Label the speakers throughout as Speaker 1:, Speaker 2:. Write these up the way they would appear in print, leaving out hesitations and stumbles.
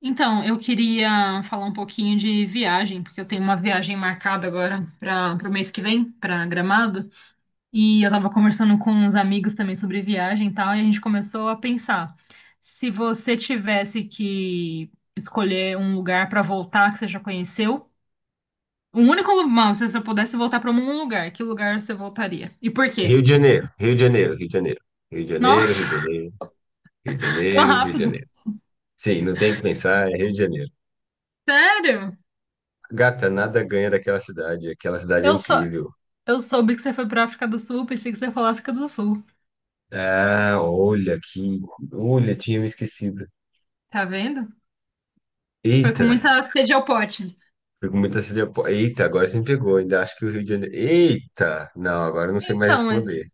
Speaker 1: Então, eu queria falar um pouquinho de viagem, porque eu tenho uma viagem marcada agora para o mês que vem, para Gramado, e eu estava conversando com uns amigos também sobre viagem e tal, e a gente começou a pensar, se você tivesse que escolher um lugar para voltar que você já conheceu, o único lugar, se você pudesse voltar para um lugar, que lugar você voltaria? E por quê?
Speaker 2: Rio de Janeiro, Rio de Janeiro, Rio de Janeiro, Rio de Janeiro,
Speaker 1: Nossa,
Speaker 2: Rio de Janeiro, Rio de
Speaker 1: tão
Speaker 2: Janeiro, Rio de
Speaker 1: rápido.
Speaker 2: Janeiro. Sim, não tem que pensar, é Rio de Janeiro.
Speaker 1: Sério?
Speaker 2: Gata, nada ganha daquela cidade, aquela cidade é
Speaker 1: Eu sou,
Speaker 2: incrível.
Speaker 1: eu soube que você foi para África do Sul, pensei que você ia falar África do Sul.
Speaker 2: Ah, olha, tinha me esquecido.
Speaker 1: Tá vendo? Foi com
Speaker 2: Eita,
Speaker 1: muita sede ao pote.
Speaker 2: fui com muita sede. Eita, agora você me pegou, ainda acho que o Rio de Janeiro. Eita, não, agora eu não sei mais
Speaker 1: Então, mas
Speaker 2: responder,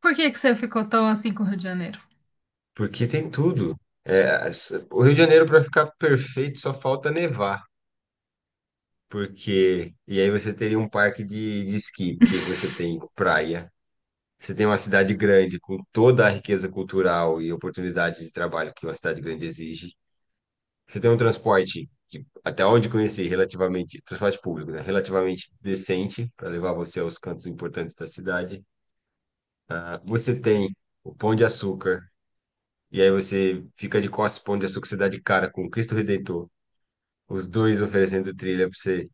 Speaker 1: por que você ficou tão assim com o Rio de Janeiro?
Speaker 2: porque tem tudo. É, o Rio de Janeiro, para ficar perfeito, só falta nevar. Porque. E aí você teria um parque de esqui, que você tem praia. Você tem uma cidade grande com toda a riqueza cultural e oportunidade de trabalho que uma cidade grande exige. Você tem um transporte, que, até onde conheci, relativamente, transporte público, né? Relativamente decente para levar você aos cantos importantes da cidade. Ah, você tem o Pão de Açúcar, e aí você fica de costas pro Pão de Açúcar, você dá de cara com o Cristo Redentor. Os dois oferecendo trilha para você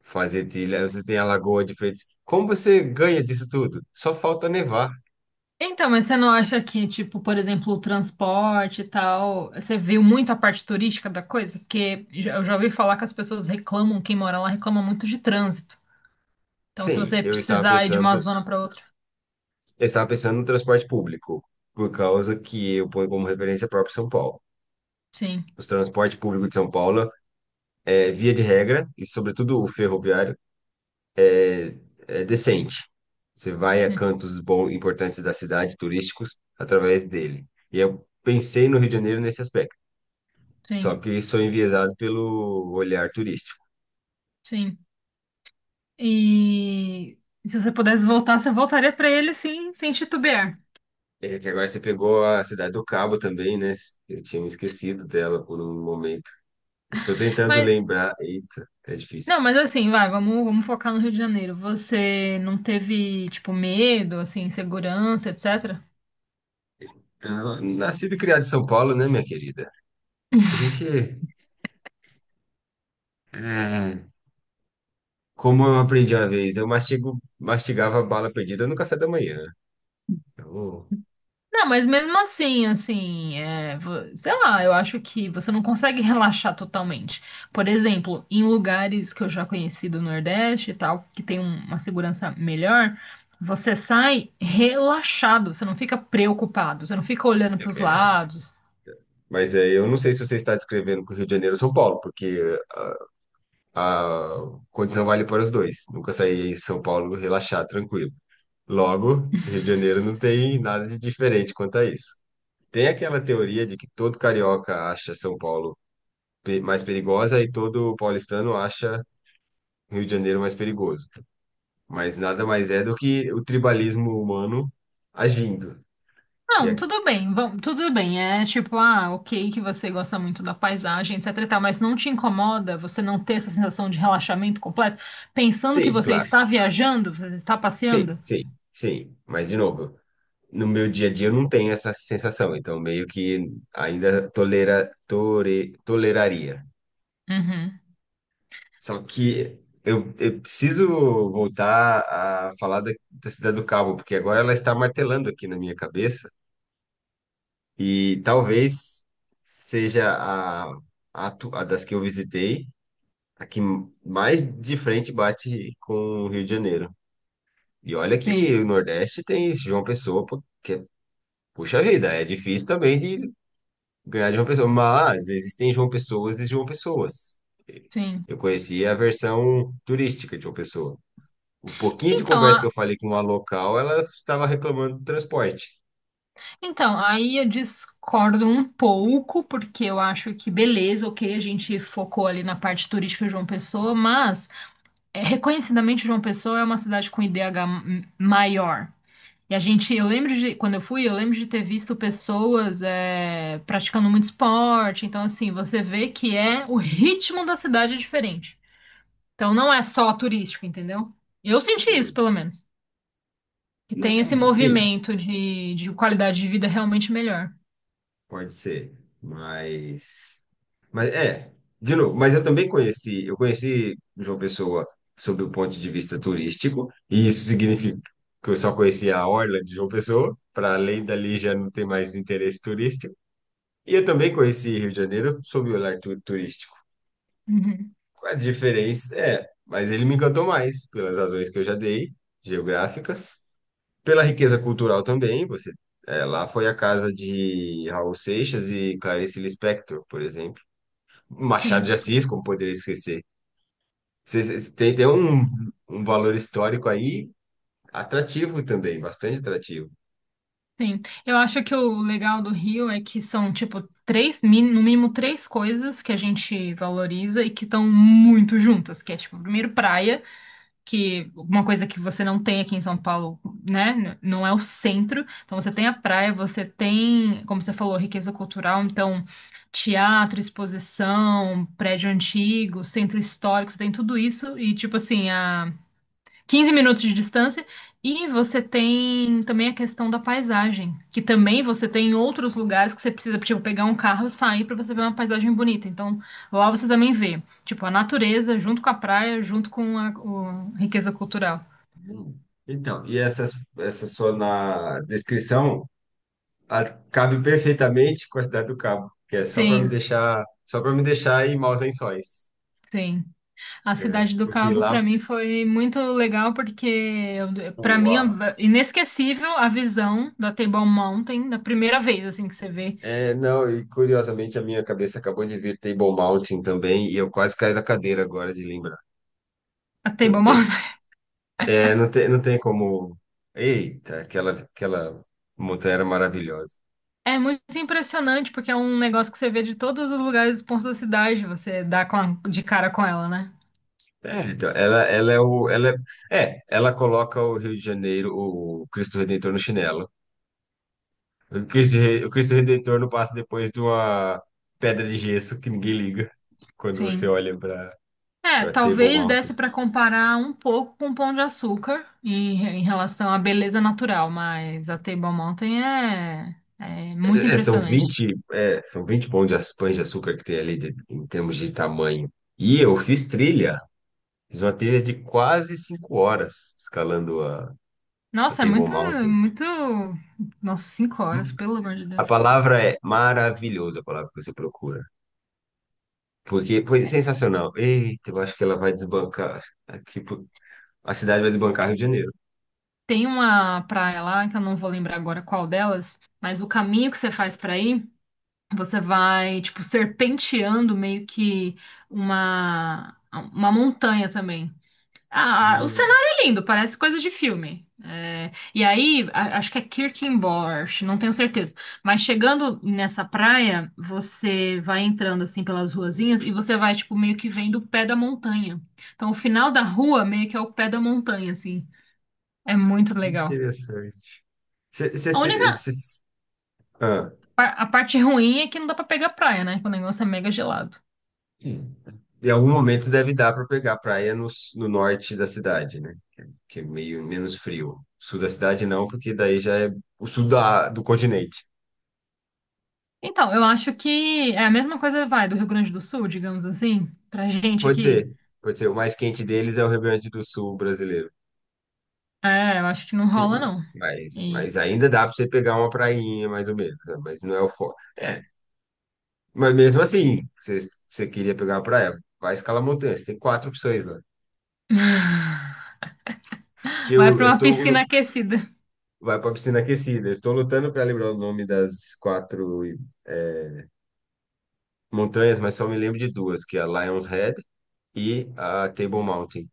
Speaker 2: fazer trilha, você tem a lagoa de feitos. Como você ganha disso tudo? Só falta nevar.
Speaker 1: Então, mas você não acha que, tipo, por exemplo, o transporte e tal, você viu muito a parte turística da coisa? Porque eu já ouvi falar que as pessoas reclamam, quem mora lá reclama muito de trânsito. Então, se
Speaker 2: Sim,
Speaker 1: você
Speaker 2: eu estava
Speaker 1: precisar ir de uma
Speaker 2: pensando,
Speaker 1: zona para outra,
Speaker 2: eu estava pensando no transporte público, por causa que eu ponho como referência o próprio São Paulo.
Speaker 1: sim,
Speaker 2: Os transportes públicos de São Paulo, é, via de regra, e sobretudo o ferroviário, é é decente. Você vai a
Speaker 1: hum,
Speaker 2: cantos bons, importantes da cidade, turísticos, através dele. E eu pensei no Rio de Janeiro nesse aspecto. Só
Speaker 1: sim,
Speaker 2: que sou enviesado pelo olhar turístico.
Speaker 1: sim. E se você pudesse voltar, você voltaria para ele, sim, sem titubear.
Speaker 2: É que agora você pegou a Cidade do Cabo também, né? Eu tinha me esquecido dela por um momento. Estou tentando
Speaker 1: Mas
Speaker 2: lembrar. Eita, é difícil.
Speaker 1: não, mas assim, vai, vamos, vamos focar no Rio de Janeiro. Você não teve, tipo, medo, assim, insegurança, etc?
Speaker 2: Ah, nascido e criado em São Paulo, né, minha querida? A gente, é, como eu aprendi uma vez, mastigava bala perdida no café da manhã. Então,
Speaker 1: Não, mas mesmo assim, assim, é, sei lá, eu acho que você não consegue relaxar totalmente. Por exemplo, em lugares que eu já conheci do Nordeste e tal, que tem uma segurança melhor, você sai relaxado, você não fica preocupado, você não fica olhando para os
Speaker 2: é,
Speaker 1: lados.
Speaker 2: mas é, eu não sei se você está descrevendo com o Rio de Janeiro ou São Paulo, porque a condição vale para os dois. Nunca saí em São Paulo relaxar, tranquilo. Logo, Rio de Janeiro não tem nada de diferente quanto a isso. Tem aquela teoria de que todo carioca acha São Paulo mais perigosa e todo paulistano acha Rio de Janeiro mais perigoso. Mas nada mais é do que o tribalismo humano agindo. E
Speaker 1: Não,
Speaker 2: é.
Speaker 1: tudo bem, vamos, tudo bem. É tipo, ah, ok, que você gosta muito da paisagem, etc e tal, mas não te incomoda você não ter essa sensação de relaxamento completo, pensando que
Speaker 2: Sim,
Speaker 1: você
Speaker 2: claro.
Speaker 1: está viajando, você está
Speaker 2: Sim,
Speaker 1: passeando?
Speaker 2: sim, sim. Mas, de novo, no meu dia a dia eu não tenho essa sensação. Então, meio que ainda toleraria.
Speaker 1: Uhum,
Speaker 2: Só que eu preciso voltar a falar da Cidade do Cabo, porque agora ela está martelando aqui na minha cabeça. E talvez seja a das que eu visitei, a que mais de frente bate com o Rio de Janeiro. E olha
Speaker 1: sim,
Speaker 2: que o Nordeste tem isso, João Pessoa, pô, que puxa vida, é difícil também de ganhar de João Pessoa, mas existem João Pessoas e João Pessoas.
Speaker 1: sim.
Speaker 2: Eu conheci a versão turística de João Pessoa. O pouquinho de
Speaker 1: Então,
Speaker 2: conversa que
Speaker 1: a,
Speaker 2: eu falei com uma local, ela estava reclamando do transporte.
Speaker 1: então, aí eu discordo um pouco, porque eu acho que beleza, ok, a gente focou ali na parte turística de João Pessoa, mas é, reconhecidamente João Pessoa é uma cidade com IDH maior. E a gente, eu lembro de, quando eu fui, eu lembro de ter visto pessoas é, praticando muito esporte. Então, assim, você vê que o ritmo da cidade é diferente. Então, não é só turístico, entendeu? Eu senti isso,
Speaker 2: Hum.
Speaker 1: pelo menos. Que
Speaker 2: Né,
Speaker 1: tem esse
Speaker 2: é, sim,
Speaker 1: movimento de qualidade de vida realmente melhor.
Speaker 2: pode ser. Mas, mas é, de novo, eu conheci João Pessoa sob o ponto de vista turístico, e isso significa que eu só conhecia a orla de João Pessoa, para além dali já não tem mais interesse turístico. E eu também conheci Rio de Janeiro sob o olhar turístico.
Speaker 1: Uhum.
Speaker 2: A diferença é, mas ele me encantou mais pelas razões que eu já dei, geográficas. Pela riqueza cultural também, você é, lá foi a casa de Raul Seixas e Clarice Lispector, por exemplo. Machado
Speaker 1: Sim,
Speaker 2: de Assis, como poderia esquecer. Tem um valor histórico aí atrativo também, bastante atrativo.
Speaker 1: sim. Eu acho que o legal do Rio é que são, tipo, no mínimo 3 coisas que a gente valoriza e que estão muito juntas, que é, tipo, primeiro praia, que uma coisa que você não tem aqui em São Paulo, né? Não é o centro. Então você tem a praia, você tem, como você falou, riqueza cultural, então teatro, exposição, prédio antigo, centro histórico, você tem tudo isso e tipo assim, a 15 minutos de distância. E você tem também a questão da paisagem, que também você tem em outros lugares que você precisa, tipo, pegar um carro e sair para você ver uma paisagem bonita. Então, lá você também vê, tipo, a natureza junto com a praia, junto com a riqueza cultural.
Speaker 2: Hum. Então, essa sua na descrição a- cabe perfeitamente com a Cidade do Cabo, que é
Speaker 1: Sim,
Speaker 2: só para me deixar em maus lençóis.
Speaker 1: sim. A
Speaker 2: É,
Speaker 1: Cidade do
Speaker 2: porque
Speaker 1: Cabo,
Speaker 2: lá
Speaker 1: para mim, foi muito legal, porque, para
Speaker 2: o,
Speaker 1: mim, é
Speaker 2: a.
Speaker 1: inesquecível a visão da Table Mountain, da primeira vez, assim, que você vê
Speaker 2: É, não, e curiosamente a minha cabeça acabou de vir Table Mountain também, e eu quase caí da cadeira agora de lembrar.
Speaker 1: a Table
Speaker 2: Não tem,
Speaker 1: Mountain.
Speaker 2: é, não tem, não tem como. Eita, aquela montanha era maravilhosa.
Speaker 1: É muito impressionante, porque é um negócio que você vê de todos os lugares, os pontos da cidade, você dá de cara com ela, né?
Speaker 2: É, então, ela é o. Ela é, é, ela coloca o Rio de Janeiro, o Cristo Redentor no chinelo. O Cristo Redentor não passa depois de uma pedra de gesso que ninguém liga quando você
Speaker 1: Sim.
Speaker 2: olha para
Speaker 1: É,
Speaker 2: para Table
Speaker 1: talvez desse
Speaker 2: Mountain.
Speaker 1: para comparar um pouco com o Pão de Açúcar em relação à beleza natural, mas a Table Mountain é muito
Speaker 2: São
Speaker 1: impressionante.
Speaker 2: vinte é, são vinte pães de açúcar que tem ali em termos de tamanho. E eu fiz uma trilha de quase 5 horas escalando a
Speaker 1: Nossa, é
Speaker 2: Table
Speaker 1: muito,
Speaker 2: Mountain.
Speaker 1: muito. Nossa, 5 horas,
Speaker 2: Hum.
Speaker 1: pelo amor de
Speaker 2: A
Speaker 1: Deus.
Speaker 2: palavra é maravilhosa, a palavra que você procura. Porque foi
Speaker 1: É.
Speaker 2: sensacional. Eita, eu acho que ela vai desbancar. Aqui, pro- a cidade vai desbancar Rio de Janeiro.
Speaker 1: Tem uma praia lá, que eu não vou lembrar agora qual delas, mas o caminho que você faz para ir. Você vai, tipo, serpenteando meio que uma montanha também. Ah, ah, o
Speaker 2: Hum,
Speaker 1: cenário é lindo, parece coisa de filme. É, e aí, acho que é Kirkenborch, não tenho certeza. Mas chegando nessa praia, você vai entrando assim pelas ruazinhas e você vai, tipo, meio que vendo o pé da montanha. Então, o final da rua meio que é o pé da montanha, assim. É muito legal.
Speaker 2: interessante.
Speaker 1: A única,
Speaker 2: Você. Ah.
Speaker 1: a parte ruim é que não dá pra pegar praia, né? Que o negócio é mega gelado.
Speaker 2: Em algum momento deve dar para pegar a praia no norte da cidade, né? Que é meio menos frio. Sul da cidade não, porque daí já é o sul do continente.
Speaker 1: Então, eu acho que é a mesma coisa, vai, do Rio Grande do Sul, digamos assim, pra gente
Speaker 2: Pode
Speaker 1: aqui.
Speaker 2: ser, pode ser. O mais quente deles é o Rio Grande do Sul brasileiro.
Speaker 1: É, eu acho que não rola,
Speaker 2: Uhum.
Speaker 1: não.
Speaker 2: Mas,
Speaker 1: E
Speaker 2: mas ainda dá para você pegar uma prainha, mais ou menos, né? Mas não é o foco. É. Mas mesmo assim, você queria pegar uma praia, vai escalar montanha. Você tem quatro opções lá. Que
Speaker 1: vai
Speaker 2: eu,
Speaker 1: pra
Speaker 2: eu
Speaker 1: uma
Speaker 2: estou.
Speaker 1: piscina aquecida.
Speaker 2: Vai para piscina aquecida. Eu estou lutando para lembrar o nome das quatro. é, montanhas, mas só me lembro de duas, que é a Lion's Head e a Table Mountain.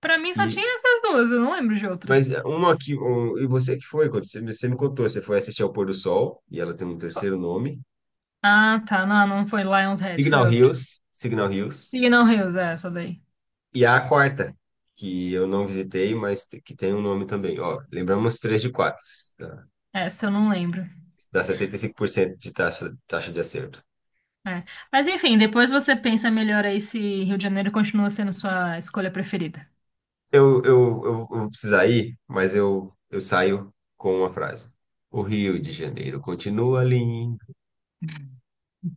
Speaker 1: Pra mim só
Speaker 2: E
Speaker 1: tinha essas duas, eu não lembro de outras.
Speaker 2: e você que foi, quando você me contou, você foi assistir ao pôr do sol e ela tem um terceiro nome,
Speaker 1: Ah, tá, não, não foi Lion's Head, foi
Speaker 2: Signal
Speaker 1: outra.
Speaker 2: Hills, Signal Hills.
Speaker 1: Signal Hills, é essa daí.
Speaker 2: E a quarta, que eu não visitei, que tem um nome também. Ó, lembramos três de quatro, tá?
Speaker 1: Essa eu não lembro.
Speaker 2: Dá 75% de taxa de acerto.
Speaker 1: É. Mas enfim, depois você pensa melhor aí se Rio de Janeiro continua sendo sua escolha preferida.
Speaker 2: Eu vou precisar ir, mas eu saio com uma frase. O Rio de Janeiro continua lindo.